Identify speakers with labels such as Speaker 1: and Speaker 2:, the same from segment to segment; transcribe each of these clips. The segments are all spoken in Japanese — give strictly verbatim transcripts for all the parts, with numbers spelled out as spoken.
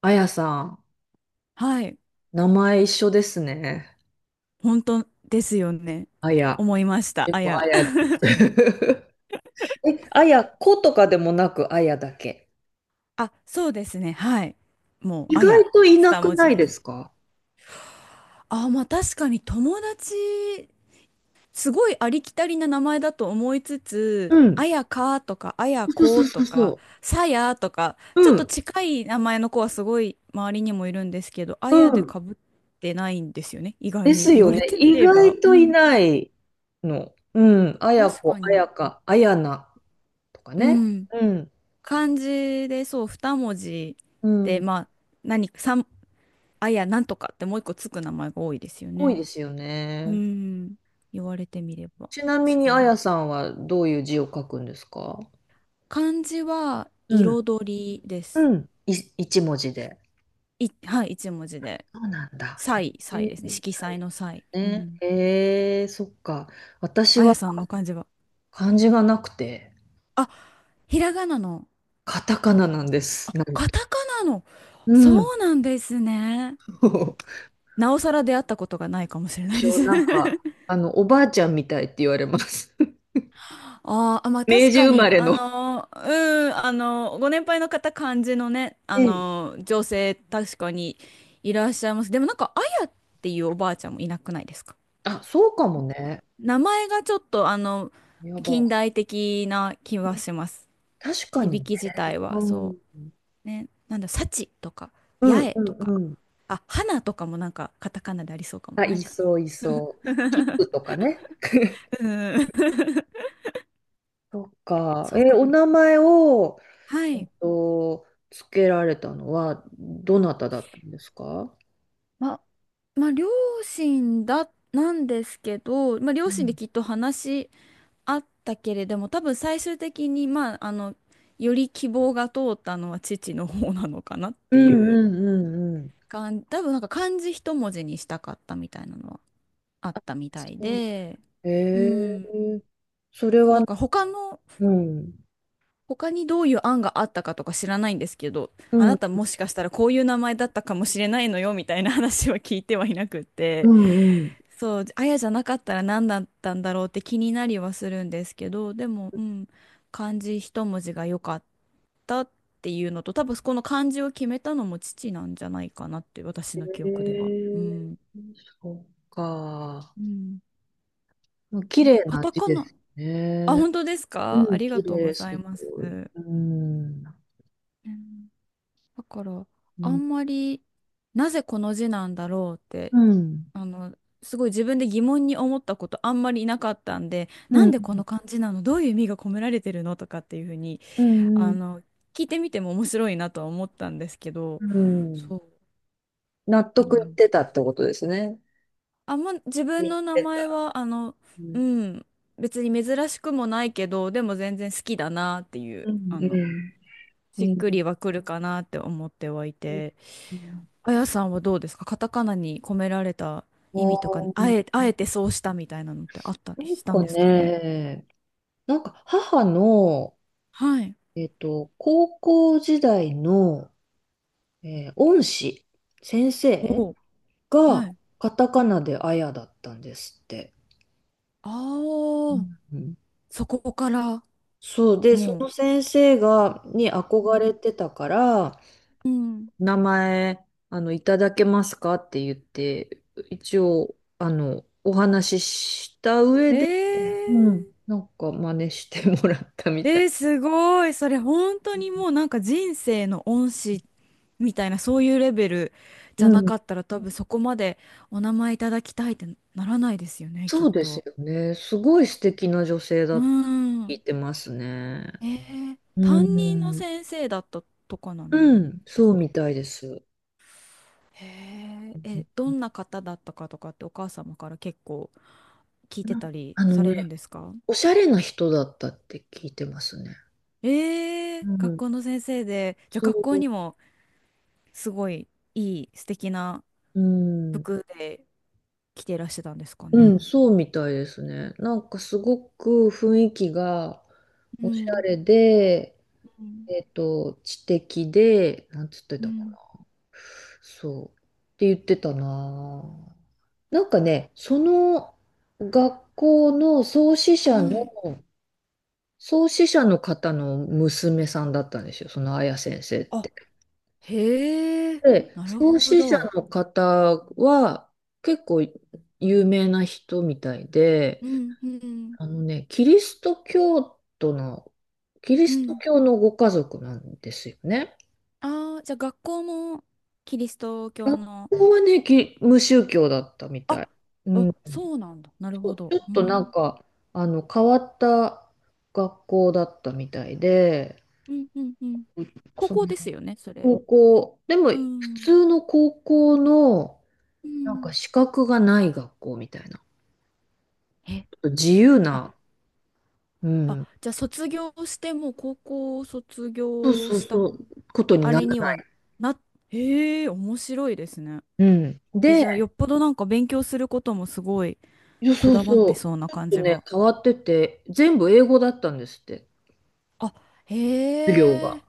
Speaker 1: あやさん、
Speaker 2: はい。
Speaker 1: 名前一緒ですね。
Speaker 2: 本当ですよね。
Speaker 1: あや。
Speaker 2: 思いました。
Speaker 1: で
Speaker 2: あ
Speaker 1: もあ
Speaker 2: や。
Speaker 1: やです。え、あや、子とかでもなくあやだけ。
Speaker 2: あ、そうですね。はい。もう、
Speaker 1: 意
Speaker 2: あ
Speaker 1: 外
Speaker 2: や。
Speaker 1: といな
Speaker 2: 二
Speaker 1: く
Speaker 2: 文
Speaker 1: な
Speaker 2: 字
Speaker 1: い
Speaker 2: で
Speaker 1: で
Speaker 2: す。
Speaker 1: すか？
Speaker 2: あ、まあ確かに友達、すごいありきたりな名前だと思いつ
Speaker 1: う
Speaker 2: つ、あ
Speaker 1: ん。
Speaker 2: やかとか、あや
Speaker 1: そうそ
Speaker 2: こ
Speaker 1: うそ
Speaker 2: と
Speaker 1: う
Speaker 2: か、
Speaker 1: そ
Speaker 2: さやとか、
Speaker 1: う。
Speaker 2: ちょ
Speaker 1: う
Speaker 2: っと
Speaker 1: ん。
Speaker 2: 近い名前の子はすごい周りにもいるんですけど、あ
Speaker 1: う
Speaker 2: やで
Speaker 1: ん。
Speaker 2: かぶってないんですよね。意
Speaker 1: で
Speaker 2: 外に
Speaker 1: す
Speaker 2: 言
Speaker 1: よ
Speaker 2: わ
Speaker 1: ね。
Speaker 2: れてみ
Speaker 1: 意
Speaker 2: れば。
Speaker 1: 外
Speaker 2: う
Speaker 1: とい
Speaker 2: ん。
Speaker 1: ないの。うん。あや
Speaker 2: 確
Speaker 1: こ、
Speaker 2: か
Speaker 1: あ
Speaker 2: に。
Speaker 1: やか、あやなとか
Speaker 2: う
Speaker 1: ね。
Speaker 2: ん。
Speaker 1: うん。
Speaker 2: 漢字でそうに文字
Speaker 1: う
Speaker 2: で
Speaker 1: ん。
Speaker 2: まあ何か三あいやなんとかってもう一個つく名前が多いですよ
Speaker 1: 多い
Speaker 2: ね。
Speaker 1: ですよ
Speaker 2: う
Speaker 1: ね。
Speaker 2: ん、言われてみれば
Speaker 1: ちなみ
Speaker 2: 確
Speaker 1: に
Speaker 2: か
Speaker 1: あ
Speaker 2: に。
Speaker 1: やさんはどういう字を書くんですか？
Speaker 2: 漢字は
Speaker 1: うん。
Speaker 2: 彩りです。
Speaker 1: うん。い、一文字で。
Speaker 2: い、はい、一文字で。
Speaker 1: そうなんだ。
Speaker 2: 彩、
Speaker 1: へ
Speaker 2: 彩
Speaker 1: え、
Speaker 2: ですね。
Speaker 1: み
Speaker 2: 色
Speaker 1: たい
Speaker 2: 彩
Speaker 1: で
Speaker 2: の彩。
Speaker 1: す
Speaker 2: う
Speaker 1: ね。
Speaker 2: ん。
Speaker 1: へえ、そっか。私
Speaker 2: あや
Speaker 1: は
Speaker 2: さんの漢字は。
Speaker 1: 漢字がなくて、
Speaker 2: あ、ひらがなの。
Speaker 1: カタカナなんで
Speaker 2: あ、
Speaker 1: す。なん
Speaker 2: カタ
Speaker 1: と。
Speaker 2: カナの。
Speaker 1: うん。
Speaker 2: そうなんですね。
Speaker 1: そう、
Speaker 2: なおさら出会ったことがないかもしれない
Speaker 1: 一
Speaker 2: で
Speaker 1: 応
Speaker 2: す。
Speaker 1: なんか、あの、おばあちゃんみたいって言われます。
Speaker 2: あーあ、まあ
Speaker 1: 明
Speaker 2: 確
Speaker 1: 治
Speaker 2: か
Speaker 1: 生
Speaker 2: に、
Speaker 1: まれ
Speaker 2: あ
Speaker 1: の。
Speaker 2: のー、うん、あのー、ご年配の方、感じのね、あ
Speaker 1: うん。
Speaker 2: のー、女性、確かにいらっしゃいます。でもなんか、あやっていうおばあちゃんもいなくないですか？
Speaker 1: あ、そうかもね。
Speaker 2: 名前がちょっと、あの、
Speaker 1: やば。
Speaker 2: 近代的な気はします。
Speaker 1: 確かに
Speaker 2: 響
Speaker 1: ね。
Speaker 2: き自体
Speaker 1: う
Speaker 2: は、そ
Speaker 1: ん。
Speaker 2: う。ね、なんだ、幸とか、
Speaker 1: う
Speaker 2: 八
Speaker 1: ん
Speaker 2: 重
Speaker 1: う
Speaker 2: とか、
Speaker 1: んうん。
Speaker 2: あ、花とかもなんか、カタカナでありそうかも、
Speaker 1: あ、
Speaker 2: な
Speaker 1: い
Speaker 2: いかな。
Speaker 1: そういそう。キッ プとかね。
Speaker 2: うん。
Speaker 1: そっ か。
Speaker 2: そう
Speaker 1: え、
Speaker 2: か。
Speaker 1: お名前を、
Speaker 2: は
Speaker 1: えっ
Speaker 2: い。
Speaker 1: と、つけられたのは、どなただったんですか？
Speaker 2: ま、まあ、両親だ、なんですけど、まあ、
Speaker 1: う
Speaker 2: 両親で
Speaker 1: ん
Speaker 2: きっと話し合ったけれども、多分最終的に、まあ、あの、より希望が通ったのは父の方なのかなっ
Speaker 1: う
Speaker 2: て
Speaker 1: ん
Speaker 2: いう
Speaker 1: うんうん
Speaker 2: 感じ、多分なんか漢字一文字にしたかったみたいなのはあったみたい
Speaker 1: うん。
Speaker 2: で、う
Speaker 1: え
Speaker 2: ん。
Speaker 1: ー、それ
Speaker 2: そう、
Speaker 1: は、
Speaker 2: だから他の、
Speaker 1: うん、
Speaker 2: 他にどういう案があったかとか知らないんですけど、
Speaker 1: う
Speaker 2: あ
Speaker 1: ん、
Speaker 2: なたもしかしたらこういう名前だったかもしれないのよみたいな話は聞いてはいなく
Speaker 1: う
Speaker 2: て、
Speaker 1: んうん。
Speaker 2: そう、あやじゃなかったら何だったんだろうって気になりはするんですけど、でも、うん、漢字一文字が良かったっていうのと、多分この漢字を決めたのも父なんじゃないかなって、私の記
Speaker 1: え
Speaker 2: 憶では。う
Speaker 1: ー、
Speaker 2: ん。
Speaker 1: そっか。
Speaker 2: うん。
Speaker 1: うん、綺
Speaker 2: なんか
Speaker 1: 麗
Speaker 2: カ
Speaker 1: な
Speaker 2: タ
Speaker 1: 字
Speaker 2: カ
Speaker 1: で
Speaker 2: ナ。
Speaker 1: す
Speaker 2: あ、
Speaker 1: ね。
Speaker 2: 本当です
Speaker 1: う
Speaker 2: か？あ
Speaker 1: ん、
Speaker 2: りが
Speaker 1: 綺
Speaker 2: とうご
Speaker 1: 麗、す
Speaker 2: ざいます。
Speaker 1: ごい、
Speaker 2: う
Speaker 1: うん、
Speaker 2: ん、だから、
Speaker 1: う
Speaker 2: あ
Speaker 1: ん、
Speaker 2: んまり、なぜこの字なんだろうって、
Speaker 1: うん
Speaker 2: あの、すごい自分で疑問に思ったことあんまりいなかったんで、
Speaker 1: う
Speaker 2: なん
Speaker 1: ん
Speaker 2: でこの漢字なの、どういう意味が込められてるのとかっていうふうに、
Speaker 1: うん
Speaker 2: あ
Speaker 1: うん
Speaker 2: の、聞いてみても面白いなとは思ったんですけど、
Speaker 1: うんう
Speaker 2: そ
Speaker 1: ん、
Speaker 2: う、
Speaker 1: 納
Speaker 2: いい
Speaker 1: 得い
Speaker 2: な。
Speaker 1: ってたってことですね。
Speaker 2: あんま自分
Speaker 1: 見
Speaker 2: の名
Speaker 1: て
Speaker 2: 前
Speaker 1: た、
Speaker 2: は、あの、
Speaker 1: う
Speaker 2: う
Speaker 1: ん、
Speaker 2: ん、別に珍しくもないけど、でも全然好きだなっていう、
Speaker 1: うん
Speaker 2: あの、
Speaker 1: う
Speaker 2: しっ
Speaker 1: ん
Speaker 2: く
Speaker 1: うん。
Speaker 2: りはくるかなって思ってはいて。
Speaker 1: うん、
Speaker 2: あやさんはどうですか？カタカナに込められた
Speaker 1: あ
Speaker 2: 意味とか、あ
Speaker 1: ー、
Speaker 2: え、あえてそうしたみたいなのってあった
Speaker 1: な
Speaker 2: り
Speaker 1: ん
Speaker 2: したん
Speaker 1: か
Speaker 2: ですかね？
Speaker 1: ね、なんか母の、
Speaker 2: はい。
Speaker 1: えっと、高校時代の、えー恩師、先生
Speaker 2: おう。は
Speaker 1: が
Speaker 2: い。
Speaker 1: カタカナであやだったんですって。う
Speaker 2: ああ、
Speaker 1: んうん。
Speaker 2: そこから、
Speaker 1: そうで、そ
Speaker 2: も
Speaker 1: の先生が、に憧れて
Speaker 2: う、
Speaker 1: たから、
Speaker 2: うん。
Speaker 1: 名前、あの、いただけますかって言って、一応、あの、お話しした上、
Speaker 2: う。え
Speaker 1: うん。なんか真似してもらったみ
Speaker 2: ー、
Speaker 1: たい。
Speaker 2: えー、すごい。それ本当にもうなんか人生の恩師みたいなそういうレベル
Speaker 1: う
Speaker 2: じゃな
Speaker 1: ん。
Speaker 2: かったら多分そこまでお名前いただきたいってならないですよね、き
Speaker 1: そ
Speaker 2: っ
Speaker 1: うです
Speaker 2: と。
Speaker 1: よね。すごい素敵な女性だ
Speaker 2: う
Speaker 1: ったって聞い
Speaker 2: ん。
Speaker 1: てますね。
Speaker 2: えー、
Speaker 1: う
Speaker 2: 担任の
Speaker 1: ん。
Speaker 2: 先生だったとかな
Speaker 1: う
Speaker 2: ん
Speaker 1: ん、
Speaker 2: で
Speaker 1: そ
Speaker 2: す
Speaker 1: う
Speaker 2: か？
Speaker 1: みたいです。
Speaker 2: へええ、どんな方だったかとかってお母様から結構聞いて
Speaker 1: な
Speaker 2: たり
Speaker 1: あの
Speaker 2: される
Speaker 1: ね、
Speaker 2: んですか？
Speaker 1: おしゃれな人だったって聞いてますね。
Speaker 2: ええ、
Speaker 1: う
Speaker 2: 学
Speaker 1: ん。
Speaker 2: 校の先生で、じゃあ
Speaker 1: そ
Speaker 2: 学校
Speaker 1: う。
Speaker 2: にもすごいいい素敵な
Speaker 1: うん。
Speaker 2: 服で着ていらしてたんですか
Speaker 1: う
Speaker 2: ね。
Speaker 1: ん、そうみたいですね。なんかすごく雰囲気が
Speaker 2: う
Speaker 1: おしゃ
Speaker 2: ん
Speaker 1: れで、
Speaker 2: うん
Speaker 1: えっと、知的で、なんつって
Speaker 2: う
Speaker 1: たか、
Speaker 2: ん。
Speaker 1: そう。って言ってたなぁ。なんかね、その学校の創始者
Speaker 2: は
Speaker 1: の、
Speaker 2: い。
Speaker 1: 創始者の方の娘さんだったんですよ、その綾先生っ
Speaker 2: あ、
Speaker 1: て。
Speaker 2: へえ、
Speaker 1: で、
Speaker 2: なる
Speaker 1: 創
Speaker 2: ほ
Speaker 1: 始者
Speaker 2: ど。
Speaker 1: の方は結構有名な人みたいで、
Speaker 2: うんうん
Speaker 1: あのね、キリスト教徒の、キリ
Speaker 2: う
Speaker 1: スト
Speaker 2: ん。
Speaker 1: 教のご家族なんですよね。
Speaker 2: ああ、じゃあ学校もキリスト教の。
Speaker 1: ここはね、き無宗教だったみ
Speaker 2: あ、
Speaker 1: たい。う
Speaker 2: あ、
Speaker 1: ん、
Speaker 2: そうなんだ。なる
Speaker 1: ちょ
Speaker 2: ほど。
Speaker 1: っ
Speaker 2: う
Speaker 1: となん
Speaker 2: ん。
Speaker 1: か、あの、変わった学校だったみたいで、
Speaker 2: うん、うん、うん。高
Speaker 1: そ
Speaker 2: 校です
Speaker 1: の
Speaker 2: よね、それ。
Speaker 1: 高校、でも
Speaker 2: う
Speaker 1: 普
Speaker 2: ん。
Speaker 1: 通の高校の、
Speaker 2: う
Speaker 1: なんか
Speaker 2: ん。
Speaker 1: 資格がない学校みたいな、ちょ
Speaker 2: え、
Speaker 1: っと自由
Speaker 2: あ、
Speaker 1: な、う
Speaker 2: あ、
Speaker 1: ん、
Speaker 2: じゃあ卒業してもう高校を卒
Speaker 1: そう
Speaker 2: 業
Speaker 1: そう
Speaker 2: した
Speaker 1: そう、ことに
Speaker 2: あ
Speaker 1: なら
Speaker 2: れに
Speaker 1: な
Speaker 2: は
Speaker 1: い。
Speaker 2: な、へえ、面白いですね。
Speaker 1: うん。
Speaker 2: え、
Speaker 1: で、
Speaker 2: じゃあよっぽどなんか勉強することもすごい
Speaker 1: いや
Speaker 2: こ
Speaker 1: そう
Speaker 2: だわっ
Speaker 1: そ
Speaker 2: て
Speaker 1: う、
Speaker 2: そうな
Speaker 1: ちょっ
Speaker 2: 感
Speaker 1: と
Speaker 2: じ
Speaker 1: ね、
Speaker 2: が。
Speaker 1: 変わってて、全部英語だったんですって、
Speaker 2: あ、
Speaker 1: 授業
Speaker 2: へ
Speaker 1: が。
Speaker 2: え。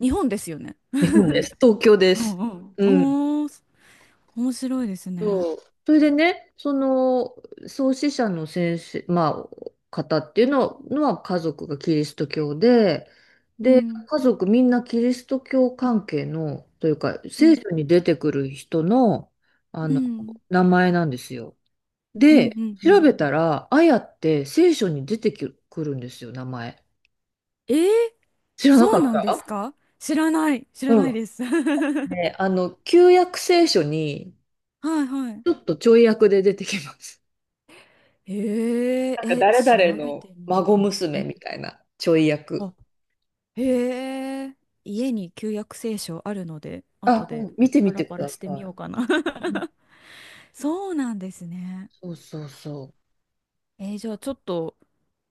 Speaker 2: 日本ですよね。
Speaker 1: 日本です。東京で
Speaker 2: うん
Speaker 1: す。
Speaker 2: うん。
Speaker 1: うん。
Speaker 2: おー、面白いですね。
Speaker 1: そう。それでね、その創始者の先生、まあ、方っていうののは家族がキリスト教で、
Speaker 2: う
Speaker 1: で、
Speaker 2: ん、
Speaker 1: 家族みんなキリスト教関係の、というか、
Speaker 2: う
Speaker 1: 聖
Speaker 2: ん、
Speaker 1: 書に出てくる人の、あ
Speaker 2: う
Speaker 1: の、
Speaker 2: ん、
Speaker 1: 名前なんですよ。
Speaker 2: うん、
Speaker 1: で、
Speaker 2: うん、う
Speaker 1: 調
Speaker 2: ん。
Speaker 1: べたら、あやって聖書に出てきくるんですよ、名前。
Speaker 2: えー、
Speaker 1: 知らな
Speaker 2: そ
Speaker 1: か
Speaker 2: う
Speaker 1: っ
Speaker 2: なんで
Speaker 1: た。
Speaker 2: すか？知らない、知ら
Speaker 1: う
Speaker 2: な
Speaker 1: ん。
Speaker 2: いです。は
Speaker 1: ね、あの、旧約聖書に、
Speaker 2: いはい。
Speaker 1: ちょっとちょい役で出てきます。
Speaker 2: えー、
Speaker 1: なんか
Speaker 2: え、
Speaker 1: 誰
Speaker 2: 調
Speaker 1: 々
Speaker 2: べ
Speaker 1: の
Speaker 2: てみ
Speaker 1: 孫
Speaker 2: る。う
Speaker 1: 娘
Speaker 2: ん。
Speaker 1: みたいなちょい
Speaker 2: あ、
Speaker 1: 役。
Speaker 2: へえ、家に旧約聖書あるので、後
Speaker 1: あ、う
Speaker 2: で
Speaker 1: ん、見て
Speaker 2: パ
Speaker 1: み
Speaker 2: ラ
Speaker 1: てく
Speaker 2: パラ
Speaker 1: だ
Speaker 2: して
Speaker 1: さ
Speaker 2: みようか
Speaker 1: い。
Speaker 2: な。
Speaker 1: うん、
Speaker 2: そうなんですね。
Speaker 1: そうそうそ
Speaker 2: えー、じゃあちょっと、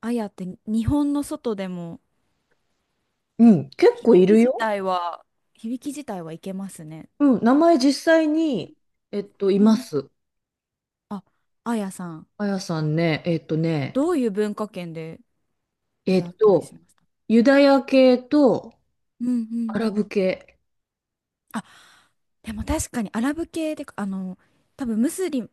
Speaker 2: あやって日本の外でも、
Speaker 1: う。うん、結構
Speaker 2: 響
Speaker 1: い
Speaker 2: き
Speaker 1: る
Speaker 2: 自
Speaker 1: よ。
Speaker 2: 体は、響き自体はいけますね。
Speaker 1: うん、名前実際に、えっと、い
Speaker 2: う
Speaker 1: ま
Speaker 2: ん。
Speaker 1: す。
Speaker 2: あ、あやさん、
Speaker 1: あやさんね、えっとね、
Speaker 2: どういう文化圏で
Speaker 1: えっ
Speaker 2: 出会ったりし
Speaker 1: と、
Speaker 2: ました？
Speaker 1: ユダヤ系と
Speaker 2: うんう
Speaker 1: ア
Speaker 2: ん。
Speaker 1: ラブ系。
Speaker 2: あ、でも確かにアラブ系で、あの、多分ムスリ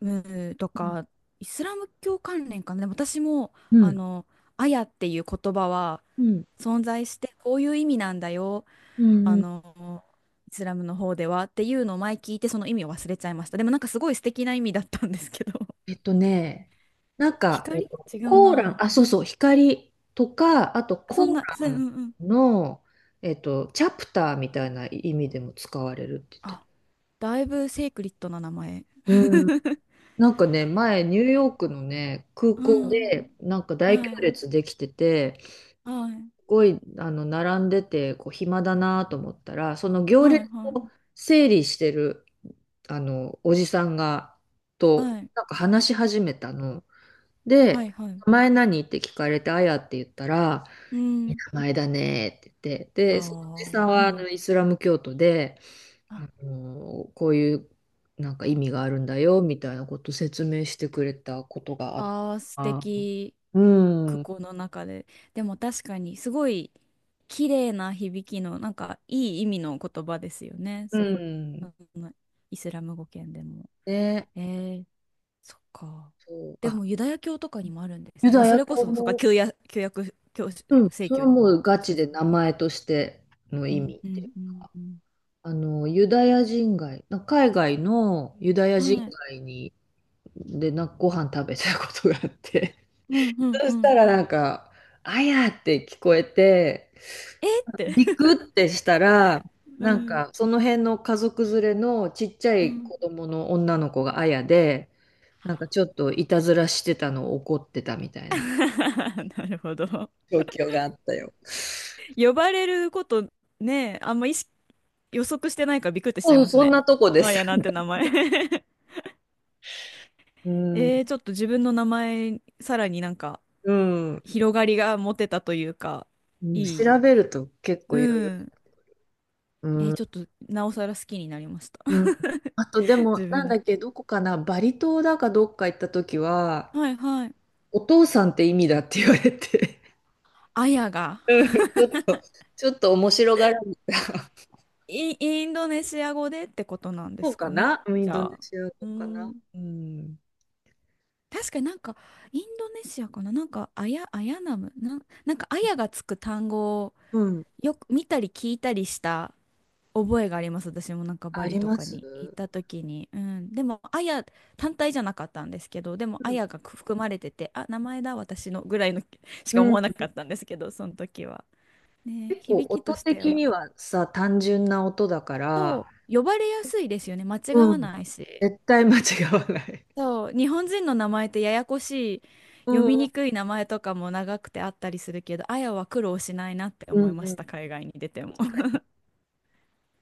Speaker 2: ムと
Speaker 1: うん
Speaker 2: かイスラム教関連かな。でも私も、
Speaker 1: う
Speaker 2: あ
Speaker 1: ん。
Speaker 2: の、アヤっていう言葉は
Speaker 1: うん
Speaker 2: 存在して、こういう意味なんだよ。
Speaker 1: うん
Speaker 2: あ
Speaker 1: うん。
Speaker 2: の、イスラムの方ではっていうのを前聞いて、その意味を忘れちゃいました。でもなんかすごい素敵な意味だったんですけど。
Speaker 1: えっとね、なんか、
Speaker 2: 光、
Speaker 1: えっと、
Speaker 2: 違う
Speaker 1: コーラ
Speaker 2: な
Speaker 1: ン、
Speaker 2: ぁ。
Speaker 1: あ、そうそう、光とか、あと
Speaker 2: あ、そ
Speaker 1: コ
Speaker 2: ん
Speaker 1: ー
Speaker 2: な、そう、
Speaker 1: ラ
Speaker 2: んうん。
Speaker 1: ンの、えっと、チャプターみたいな意味でも使われるって言って
Speaker 2: あ、
Speaker 1: た。
Speaker 2: だいぶセイクリッドな名前。
Speaker 1: うん。なんかね、前、ニューヨークのね、空
Speaker 2: う
Speaker 1: 港で、
Speaker 2: ん。
Speaker 1: なんか大行
Speaker 2: はい。
Speaker 1: 列できてて、す
Speaker 2: はい。
Speaker 1: ごい、あの、並んでて、こう、暇だなと思ったら、その行
Speaker 2: はい。
Speaker 1: 列
Speaker 2: は
Speaker 1: を
Speaker 2: い。
Speaker 1: 整理してる、あの、おじさんが、と、
Speaker 2: はい。
Speaker 1: なんか話し始めたの。
Speaker 2: は
Speaker 1: で、
Speaker 2: い、はい。
Speaker 1: 名前何って聞かれて、あやって言ったら、
Speaker 2: う
Speaker 1: いい
Speaker 2: ん。
Speaker 1: 名前だねって言って、
Speaker 2: あ
Speaker 1: で、そのおじさん
Speaker 2: あ、う
Speaker 1: はあ
Speaker 2: ん。
Speaker 1: のイスラム教徒で、
Speaker 2: あ、
Speaker 1: あのこういうなんか意味があるんだよみたいなこと説明してくれたことがあった。
Speaker 2: あー素
Speaker 1: あ、
Speaker 2: 敵。
Speaker 1: う
Speaker 2: 空
Speaker 1: ん、
Speaker 2: 港の中で。でも確かに、すごい綺麗な響きの、なんか、いい意味の言葉ですよね。
Speaker 1: う
Speaker 2: そ、
Speaker 1: ん。
Speaker 2: あのイスラム語圏でも。
Speaker 1: ね、
Speaker 2: えー、そっか。
Speaker 1: そう、
Speaker 2: で
Speaker 1: あ、
Speaker 2: も、ユダヤ教とかにもあるんです
Speaker 1: ユ
Speaker 2: ね。まあ、
Speaker 1: ダ
Speaker 2: そ
Speaker 1: ヤ
Speaker 2: れこ
Speaker 1: 教
Speaker 2: そ、そっか、
Speaker 1: も、
Speaker 2: 旧約、旧約教
Speaker 1: うん、
Speaker 2: 聖
Speaker 1: それは
Speaker 2: 教に、
Speaker 1: もうガ
Speaker 2: 一
Speaker 1: チ
Speaker 2: 緒
Speaker 1: で
Speaker 2: に。
Speaker 1: 名前としての
Speaker 2: う
Speaker 1: 意
Speaker 2: ん、
Speaker 1: 味
Speaker 2: う
Speaker 1: っていう。
Speaker 2: ん、うん、うん。
Speaker 1: あの、ユダヤ人街、な海外のユダヤ人
Speaker 2: はい。
Speaker 1: 街に、で、な、ご飯食べたことがあって、
Speaker 2: う ん、うん、
Speaker 1: そ
Speaker 2: う
Speaker 1: した
Speaker 2: ん。
Speaker 1: らなんか、あやって聞こえて、
Speaker 2: えーって。
Speaker 1: ビクってしたら、
Speaker 2: う
Speaker 1: なん
Speaker 2: ん。
Speaker 1: か、その辺の家族連れのちっちゃ
Speaker 2: う
Speaker 1: い
Speaker 2: ん。
Speaker 1: 子供の女の子があやで、なんかちょっといたずらしてたのを怒ってたみたい な
Speaker 2: なるほど。
Speaker 1: 状況があったよ。
Speaker 2: 呼ばれることね、あんま意識、予測してないからびっくりしちゃい
Speaker 1: そう、
Speaker 2: ます
Speaker 1: そん
Speaker 2: ね。
Speaker 1: なとこで
Speaker 2: あ
Speaker 1: す。
Speaker 2: やなんて名前。
Speaker 1: うん、
Speaker 2: えー、ちょっと自分の名前、さらになんか、
Speaker 1: うん。
Speaker 2: 広がりが持てたというか、
Speaker 1: うん、
Speaker 2: いい。
Speaker 1: 調べると結構いろい
Speaker 2: う
Speaker 1: ろ。
Speaker 2: ん。
Speaker 1: う
Speaker 2: えー、
Speaker 1: ん、
Speaker 2: ちょっと、なおさら好きになりました。
Speaker 1: うん。あとで も、
Speaker 2: 自
Speaker 1: な
Speaker 2: 分
Speaker 1: ん
Speaker 2: の。
Speaker 1: だっけ、どこかな、バリ島だかどっか行った時は、
Speaker 2: はいはい。
Speaker 1: お父さんって意味だって言われて、
Speaker 2: あやが、
Speaker 1: うん、ちょっと、ちょっと面白がられた。
Speaker 2: イン、インドネシア語でってことなんで
Speaker 1: そう
Speaker 2: す
Speaker 1: か
Speaker 2: かね。
Speaker 1: な、うん、イ
Speaker 2: じ
Speaker 1: ンドネ
Speaker 2: ゃあ。
Speaker 1: シア
Speaker 2: う
Speaker 1: 語
Speaker 2: ー
Speaker 1: かな、
Speaker 2: ん。
Speaker 1: うん。
Speaker 2: 確かになんか、インドネシアかな、なんか、アヤ、アヤナム、なん、なんか、アヤがつく単語を
Speaker 1: うん。
Speaker 2: よく見たり聞いたりした覚えがあります。私もなんかバ
Speaker 1: あ
Speaker 2: リ
Speaker 1: り
Speaker 2: と
Speaker 1: ま
Speaker 2: か
Speaker 1: す、
Speaker 2: に行った時に。うん。でも、アヤ単体じゃなかったんですけど、でも、ア
Speaker 1: うん。
Speaker 2: ヤが含まれてて、あ、名前だ、私のぐらいの し
Speaker 1: う
Speaker 2: か思
Speaker 1: ん、
Speaker 2: わなかったんですけど、その時は。ね、
Speaker 1: 結構
Speaker 2: 響き
Speaker 1: 音
Speaker 2: として
Speaker 1: 的
Speaker 2: は。
Speaker 1: にはさ、単純な音だから、
Speaker 2: と、呼ばれやすいですよね。間違
Speaker 1: う
Speaker 2: わ
Speaker 1: ん。
Speaker 2: ないし。
Speaker 1: 絶対間違わない。
Speaker 2: そう、日本人の名前ってややこしい、
Speaker 1: う
Speaker 2: 読
Speaker 1: ん、う
Speaker 2: み
Speaker 1: ん
Speaker 2: にくい名前とかも長くてあったりするけど、あやは苦労しないなって
Speaker 1: うん
Speaker 2: 思
Speaker 1: う
Speaker 2: いまし
Speaker 1: ん。
Speaker 2: た、海外に出ても。
Speaker 1: 確か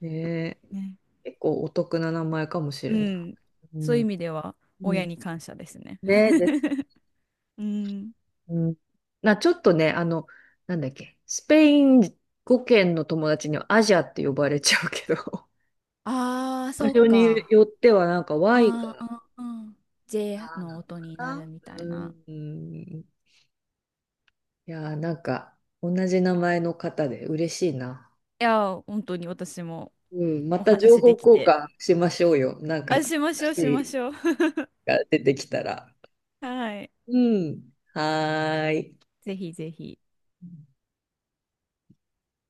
Speaker 1: にねえ。
Speaker 2: ね。
Speaker 1: 結構お得な名前かもし
Speaker 2: う
Speaker 1: れない。
Speaker 2: ん。
Speaker 1: う
Speaker 2: そういう意
Speaker 1: ん。
Speaker 2: 味では、
Speaker 1: う
Speaker 2: 親
Speaker 1: ん。
Speaker 2: に感謝ですね。
Speaker 1: ねえです、
Speaker 2: うん。
Speaker 1: うん、な、ちょっとね、あの、なんだっけ、スペイン語圏の友達にはアジアって呼ばれちゃうけど、
Speaker 2: ああ、
Speaker 1: 場
Speaker 2: そっ
Speaker 1: 所に
Speaker 2: か。
Speaker 1: よってはなんか Y
Speaker 2: あ
Speaker 1: が、
Speaker 2: あ、うん、うん。ジェー
Speaker 1: あー、な
Speaker 2: の
Speaker 1: のか
Speaker 2: 音にな
Speaker 1: な。
Speaker 2: るみた
Speaker 1: う
Speaker 2: いな。
Speaker 1: ん。いやー、なんか同じ名前の方で嬉しいな。
Speaker 2: いや、本当に私も
Speaker 1: うん、ま
Speaker 2: お
Speaker 1: た情
Speaker 2: 話
Speaker 1: 報
Speaker 2: でき
Speaker 1: 交
Speaker 2: て。
Speaker 1: 換しましょうよ。なんか、
Speaker 2: あ、しましょう、
Speaker 1: 新
Speaker 2: し
Speaker 1: し
Speaker 2: ま
Speaker 1: い
Speaker 2: しょう。
Speaker 1: が出てきたら。
Speaker 2: はい。
Speaker 1: うん。はーい。
Speaker 2: ぜひぜひ。